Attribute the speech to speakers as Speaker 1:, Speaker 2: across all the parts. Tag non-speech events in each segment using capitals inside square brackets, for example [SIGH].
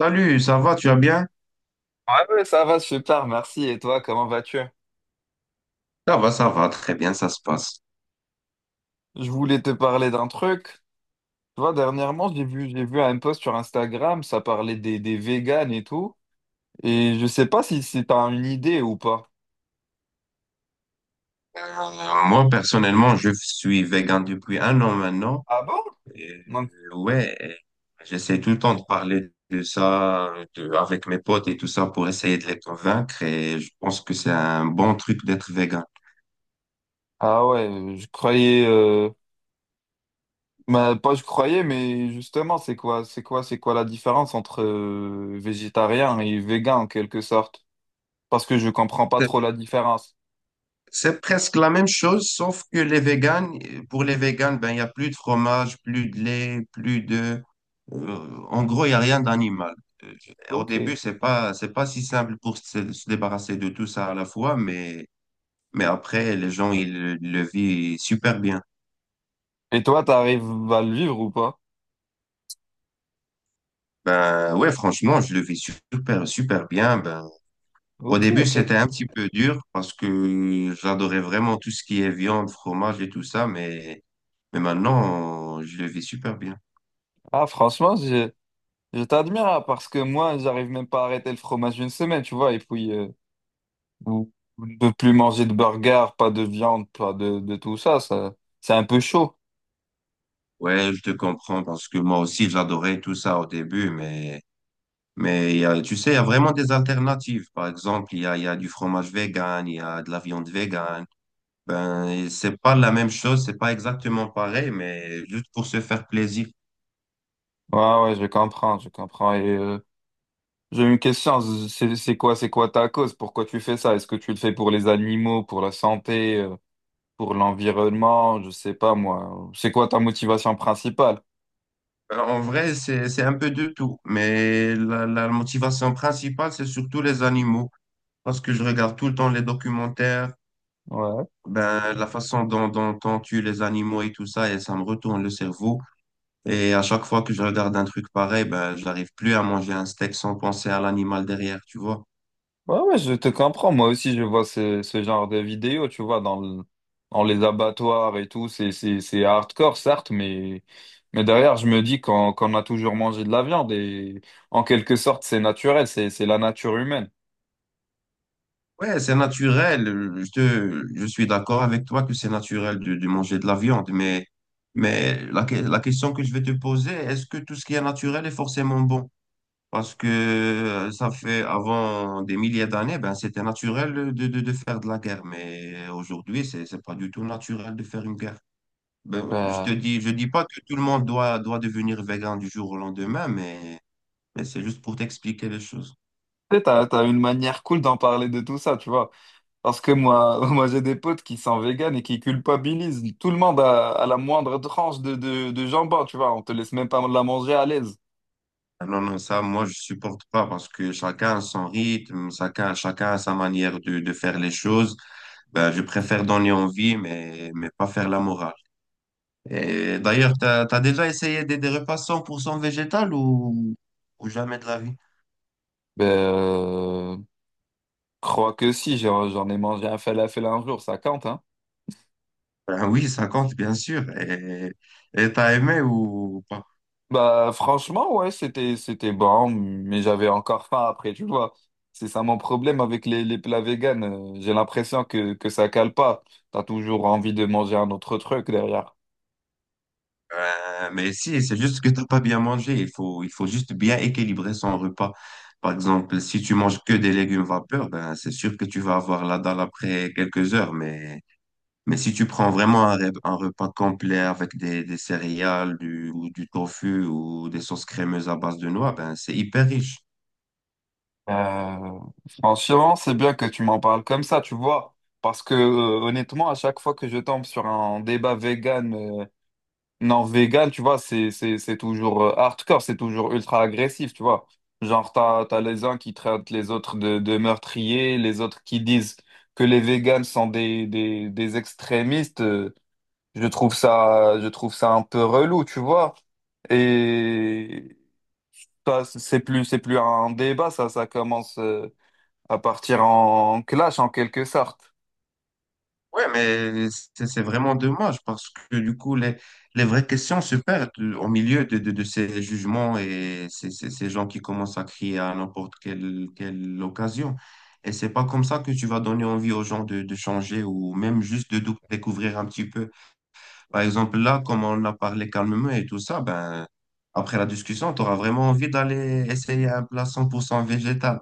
Speaker 1: Salut, ça va, tu vas bien?
Speaker 2: Ouais, ouais, ça va super, merci. Et toi, comment vas-tu?
Speaker 1: Ça va, très bien, ça se passe.
Speaker 2: Je voulais te parler d'un truc. Tu vois, dernièrement, j'ai vu un post sur Instagram, ça parlait des véganes et tout. Et je sais pas si t'as une idée ou pas.
Speaker 1: Euh, Moi, personnellement, je suis vegan depuis un an maintenant.
Speaker 2: Ah bon?
Speaker 1: Et,
Speaker 2: Non.
Speaker 1: ouais, j'essaie tout le temps de parler de ça avec mes potes et tout ça pour essayer de les convaincre et je pense que c'est un bon truc d'être vegan.
Speaker 2: Ah ouais, je croyais, bah, pas je croyais, mais justement, c'est quoi la différence entre végétarien et végan en quelque sorte? Parce que je comprends pas trop la différence.
Speaker 1: C'est presque la même chose, sauf que pour les véganes, ben, il n'y a plus de fromage, plus de lait, plus en gros, il n'y a rien d'animal. Euh, Au
Speaker 2: Ok.
Speaker 1: début,
Speaker 2: Et
Speaker 1: c'est pas si simple pour se débarrasser de tout ça à la fois, mais après, les gens, ils le vivent super bien.
Speaker 2: toi, t'arrives à le vivre ou pas?
Speaker 1: Ben, ouais, franchement, je le vis super, super bien. Ben, au
Speaker 2: Ok,
Speaker 1: début,
Speaker 2: ok.
Speaker 1: c'était un petit peu dur parce que j'adorais vraiment tout ce qui est viande, fromage et tout ça, mais maintenant, je le vis super bien.
Speaker 2: Ah, franchement, je t'admire hein, parce que moi, j'arrive même pas à arrêter le fromage une semaine, tu vois, et puis ou- ou ne plus manger de burger, pas de viande, pas de tout ça, ça, c'est un peu chaud.
Speaker 1: Ouais, je te comprends parce que moi aussi j'adorais tout ça au début, mais il y a, tu sais, il y a vraiment des alternatives. Par exemple, il y a du fromage vegan, il y a de la viande vegan. Ben, et c'est pas la même chose, c'est pas exactement pareil, mais juste pour se faire plaisir.
Speaker 2: Ouais, ouais, je comprends. Et j'ai une question, c'est quoi ta cause? Pourquoi tu fais ça? Est-ce que tu le fais pour les animaux, pour la santé, pour l'environnement? Je sais pas moi. C'est quoi ta motivation principale?
Speaker 1: En vrai, c'est un peu de tout, mais la motivation principale, c'est surtout les animaux, parce que je regarde tout le temps les documentaires,
Speaker 2: Ouais.
Speaker 1: ben la façon dont on tue les animaux et tout ça, et ça me retourne le cerveau. Et à chaque fois que je regarde un truc pareil, ben, je n'arrive plus à manger un steak sans penser à l'animal derrière, tu vois.
Speaker 2: Ouais, ouais, je te comprends. Moi aussi, je vois ce genre de vidéos, tu vois, dans les abattoirs et tout. C'est hardcore, certes, mais derrière, je me dis qu'on a toujours mangé de la viande et en quelque sorte, c'est naturel, c'est la nature humaine.
Speaker 1: Ouais, c'est naturel. Je suis d'accord avec toi que c'est naturel de manger de la viande, mais la question que je vais te poser, est-ce que tout ce qui est naturel est forcément bon? Parce que ça fait avant des milliers d'années, ben, c'était naturel de faire de la guerre, mais aujourd'hui, c'est pas du tout naturel de faire une guerre. Ben, je te
Speaker 2: Bah,
Speaker 1: dis, je dis pas que tout le monde doit devenir végan du jour au lendemain, mais c'est juste pour t'expliquer les choses.
Speaker 2: tu sais, t'as une manière cool d'en parler de tout ça, tu vois. Parce que moi, [LAUGHS] moi, j'ai des potes qui sont véganes et qui culpabilisent tout le monde à la moindre tranche de jambon, tu vois. On te laisse même pas la manger à l'aise.
Speaker 1: Ah non, non, ça, moi, je supporte pas parce que chacun a son rythme, chacun a sa manière de faire les choses. Ben, je préfère donner envie, mais pas faire la morale. Et d'ailleurs, t'as déjà essayé des repas 100% végétal ou jamais de la vie?
Speaker 2: Ben, crois que si, j'en ai mangé un falafel un jour, ça compte, hein?
Speaker 1: Ben oui, ça compte, bien sûr. Et t'as aimé ou pas?
Speaker 2: Bah franchement, ouais, c'était bon, mais j'avais encore faim après, tu vois. C'est ça mon problème avec les plats véganes. J'ai l'impression que ça cale pas. T'as toujours envie de manger un autre truc derrière.
Speaker 1: Mais si, c'est juste que t'as pas bien mangé. Il faut juste bien équilibrer son repas. Par exemple, si tu manges que des légumes vapeur, ben, c'est sûr que tu vas avoir la dalle après quelques heures. Mais si tu prends vraiment un repas complet avec des céréales, du tofu ou des sauces crémeuses à base de noix, ben, c'est hyper riche.
Speaker 2: Euh, Franchement, c'est bien que tu m'en parles comme ça, tu vois. Parce que honnêtement, à chaque fois que je tombe sur un débat vegan non, vegan, tu vois, c'est toujours hardcore, c'est toujours ultra agressif, tu vois. Genre, t'as les uns qui traitent les autres de meurtriers, les autres qui disent que les véganes sont des extrémistes. Je trouve ça un peu relou, tu vois. Et ça, c'est plus un débat, ça commence à partir en clash en quelque sorte.
Speaker 1: Ouais, mais c'est vraiment dommage parce que du coup, les vraies questions se perdent au milieu de ces jugements et ces gens qui commencent à crier à quelle occasion. Et c'est pas comme ça que tu vas donner envie aux gens de changer ou même juste de découvrir un petit peu. Par exemple, là, comme on a parlé calmement et tout ça, ben, après la discussion, tu auras vraiment envie d'aller essayer un plat 100% végétal.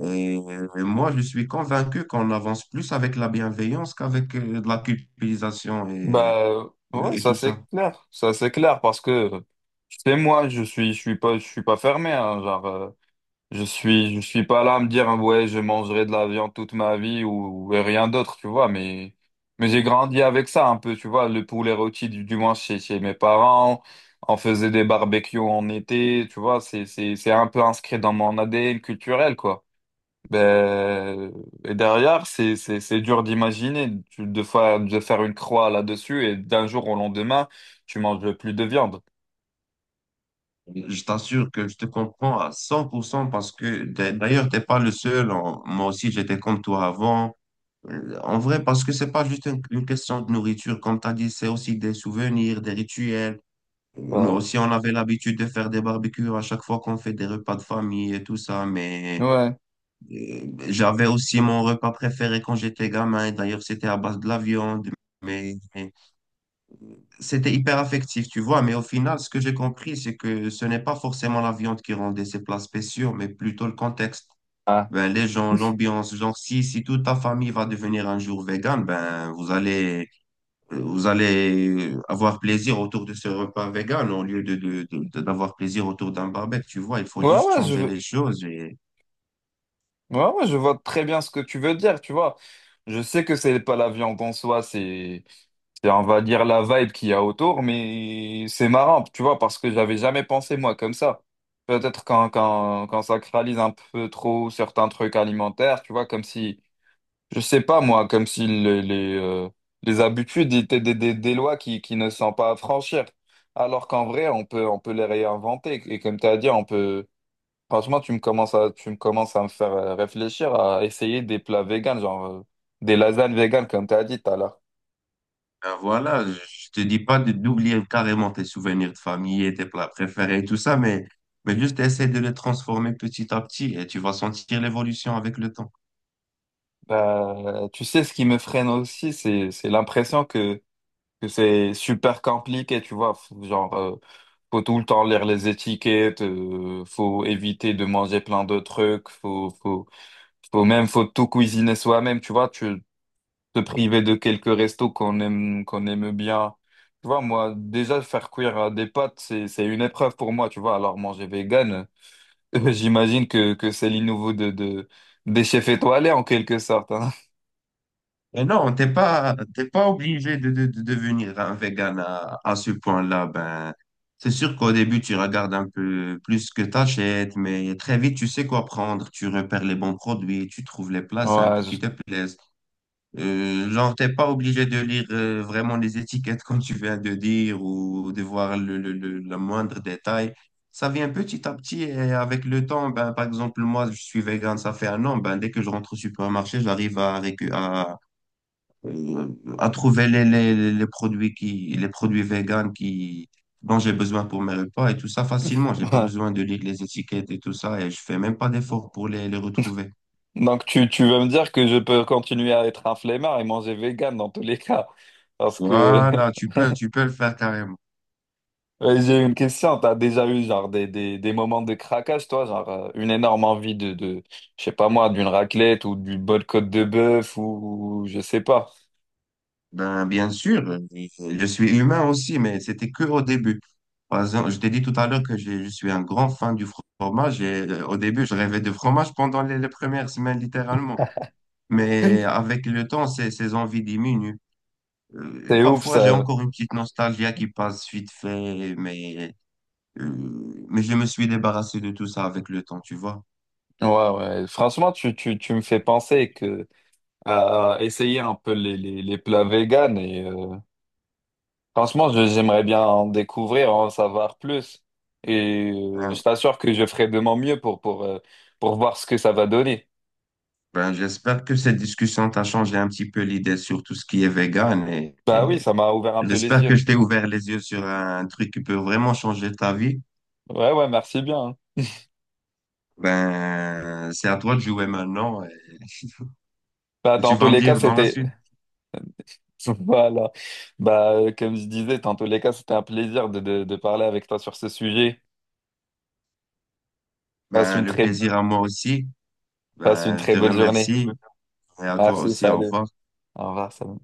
Speaker 1: Et moi, je suis convaincu qu'on avance plus avec la bienveillance qu'avec de la culpabilisation
Speaker 2: Bah ouais,
Speaker 1: et
Speaker 2: ça
Speaker 1: tout ça.
Speaker 2: c'est clair, ça c'est clair parce que tu sais moi, je suis pas fermé hein, genre je suis pas là à me dire hein, ouais, je mangerai de la viande toute ma vie ou rien d'autre, tu vois, mais j'ai grandi avec ça un peu, tu vois, le poulet rôti du moins chez chez mes parents, on faisait des barbecues en été, tu vois, c'est un peu inscrit dans mon ADN culturel quoi. Ben, et derrière, c'est dur d'imaginer de faire une croix là-dessus et d'un jour au lendemain, tu manges plus de viande.
Speaker 1: Je t'assure que je te comprends à 100% parce que d'ailleurs, t'es pas le seul. Moi aussi, j'étais comme toi avant. En vrai, parce que c'est pas juste une question de nourriture. Comme tu as dit, c'est aussi des souvenirs, des rituels. Nous
Speaker 2: Bah,
Speaker 1: aussi, on avait l'habitude de faire des barbecues à chaque fois qu'on fait des repas de famille et tout ça. Mais
Speaker 2: ouais.
Speaker 1: Euh, j'avais aussi mon repas préféré quand j'étais gamin. D'ailleurs, c'était à base de la viande, mais c'était hyper affectif, tu vois. Mais au final, ce que j'ai compris, c'est que ce n'est pas forcément la viande qui rendait ces plats spéciaux, mais plutôt le contexte.
Speaker 2: Ah,
Speaker 1: Ben, les gens, l'ambiance, genre si toute ta famille va devenir un jour végane, ben vous allez avoir plaisir autour de ce repas végane au lieu d'avoir plaisir autour d'un barbecue, tu vois, il faut
Speaker 2: ouais,
Speaker 1: juste
Speaker 2: ouais, je
Speaker 1: changer
Speaker 2: veux...
Speaker 1: les choses.
Speaker 2: ouais, ouais, je vois très bien ce que tu veux dire, tu vois. Je sais que c'est pas la viande en soi, c'est, on va dire, la vibe qu'il y a autour, mais c'est marrant, tu vois, parce que j'avais jamais pensé, moi, comme ça. Peut-être quand on sacralise un peu trop certains trucs alimentaires, tu vois, comme si je sais pas, moi, comme si les, les habitudes étaient des lois qui ne sont pas à franchir. Alors qu'en vrai, on peut les réinventer. Et comme tu as dit, on peut. Franchement, tu me commences à me faire réfléchir à essayer des plats véganes, genre des lasagnes véganes, comme tu as dit tout à l'heure.
Speaker 1: Ben voilà, je te dis pas d'oublier carrément tes souvenirs de famille et tes plats préférés et tout ça, mais juste essaie de les transformer petit à petit et tu vas sentir l'évolution avec le temps.
Speaker 2: Bah, tu sais, ce qui me freine aussi, c'est l'impression que c'est super compliqué, tu vois. Genre, faut tout le temps lire les étiquettes, faut éviter de manger plein de trucs, faut, faut. Faut même, faut tout cuisiner soi-même, tu vois, tu te priver de quelques restos qu'on aime bien. Tu vois, moi, déjà, faire cuire des pâtes, c'est une épreuve pour moi, tu vois. Alors, manger vegan, [LAUGHS] j'imagine que c'est l'innouveau des chefs étoilés, en quelque sorte, hein.
Speaker 1: Et non, t'es pas obligé de devenir un vegan à ce point-là. Ben, c'est sûr qu'au début, tu regardes un peu plus ce que t'achètes, mais très vite, tu sais quoi prendre. Tu repères les bons produits, tu trouves les plats
Speaker 2: Ouais,
Speaker 1: simples qui te plaisent. Genre, t'es pas obligé de lire vraiment les étiquettes comme tu viens de dire ou de voir le moindre détail. Ça vient petit à petit et avec le temps, ben, par exemple, moi, je suis vegan, ça fait un an, ben, dès que je rentre au supermarché, j'arrive à, récu- euh, à trouver les produits les produits vegan qui, dont j'ai besoin pour mes repas et tout ça facilement. J'ai pas besoin de lire les étiquettes et tout ça et je fais même pas d'effort pour les retrouver.
Speaker 2: [LAUGHS] donc, tu veux me dire que je peux continuer à être un flemmard et manger vegan dans tous les cas. Parce que,
Speaker 1: Voilà,
Speaker 2: [LAUGHS]
Speaker 1: tu peux le faire carrément.
Speaker 2: ouais, j'ai une question, t'as déjà eu genre des moments de craquage, toi, genre une énorme envie je sais pas moi, d'une raclette ou d'une bonne côte de bœuf ou je sais pas.
Speaker 1: Ben, bien sûr, je suis humain aussi, mais c'était que au début. Par exemple, je t'ai dit tout à l'heure que je suis un grand fan du fromage et au début, je rêvais de fromage pendant les premières semaines, littéralement. Mais
Speaker 2: [LAUGHS]
Speaker 1: avec le temps, ces envies diminuent.
Speaker 2: C'est ouf
Speaker 1: Parfois, j'ai
Speaker 2: ça.
Speaker 1: encore une petite nostalgie qui passe vite fait, mais je me suis débarrassé de tout ça avec le temps, tu vois.
Speaker 2: Ouais, ouais. Franchement, tu me fais penser que à essayer un peu les plats véganes et franchement, j'aimerais bien en découvrir, en savoir plus. Et je t'assure que je ferai de mon mieux pour voir ce que ça va donner.
Speaker 1: Ben, j'espère que cette discussion t'a changé un petit peu l'idée sur tout ce qui est vegan
Speaker 2: Bah
Speaker 1: et
Speaker 2: oui, ça m'a ouvert un peu les
Speaker 1: j'espère que
Speaker 2: yeux.
Speaker 1: je t'ai ouvert les yeux sur un truc qui peut vraiment changer ta vie.
Speaker 2: Ouais, ouais, merci bien. Hein.
Speaker 1: Ben, c'est à toi de jouer maintenant et
Speaker 2: Bah,
Speaker 1: tu
Speaker 2: dans tous
Speaker 1: vas me
Speaker 2: les cas,
Speaker 1: dire dans la
Speaker 2: c'était...
Speaker 1: suite.
Speaker 2: [LAUGHS] Voilà. Bah, comme je disais, dans tous les cas, c'était un plaisir de parler avec toi sur ce sujet. Passe
Speaker 1: Ben,
Speaker 2: une
Speaker 1: le
Speaker 2: très,
Speaker 1: plaisir à moi aussi.
Speaker 2: passe une
Speaker 1: Ben, je
Speaker 2: très
Speaker 1: te
Speaker 2: bonne journée.
Speaker 1: remercie et à toi
Speaker 2: Merci,
Speaker 1: aussi. Au
Speaker 2: salut.
Speaker 1: revoir.
Speaker 2: Au revoir, salut.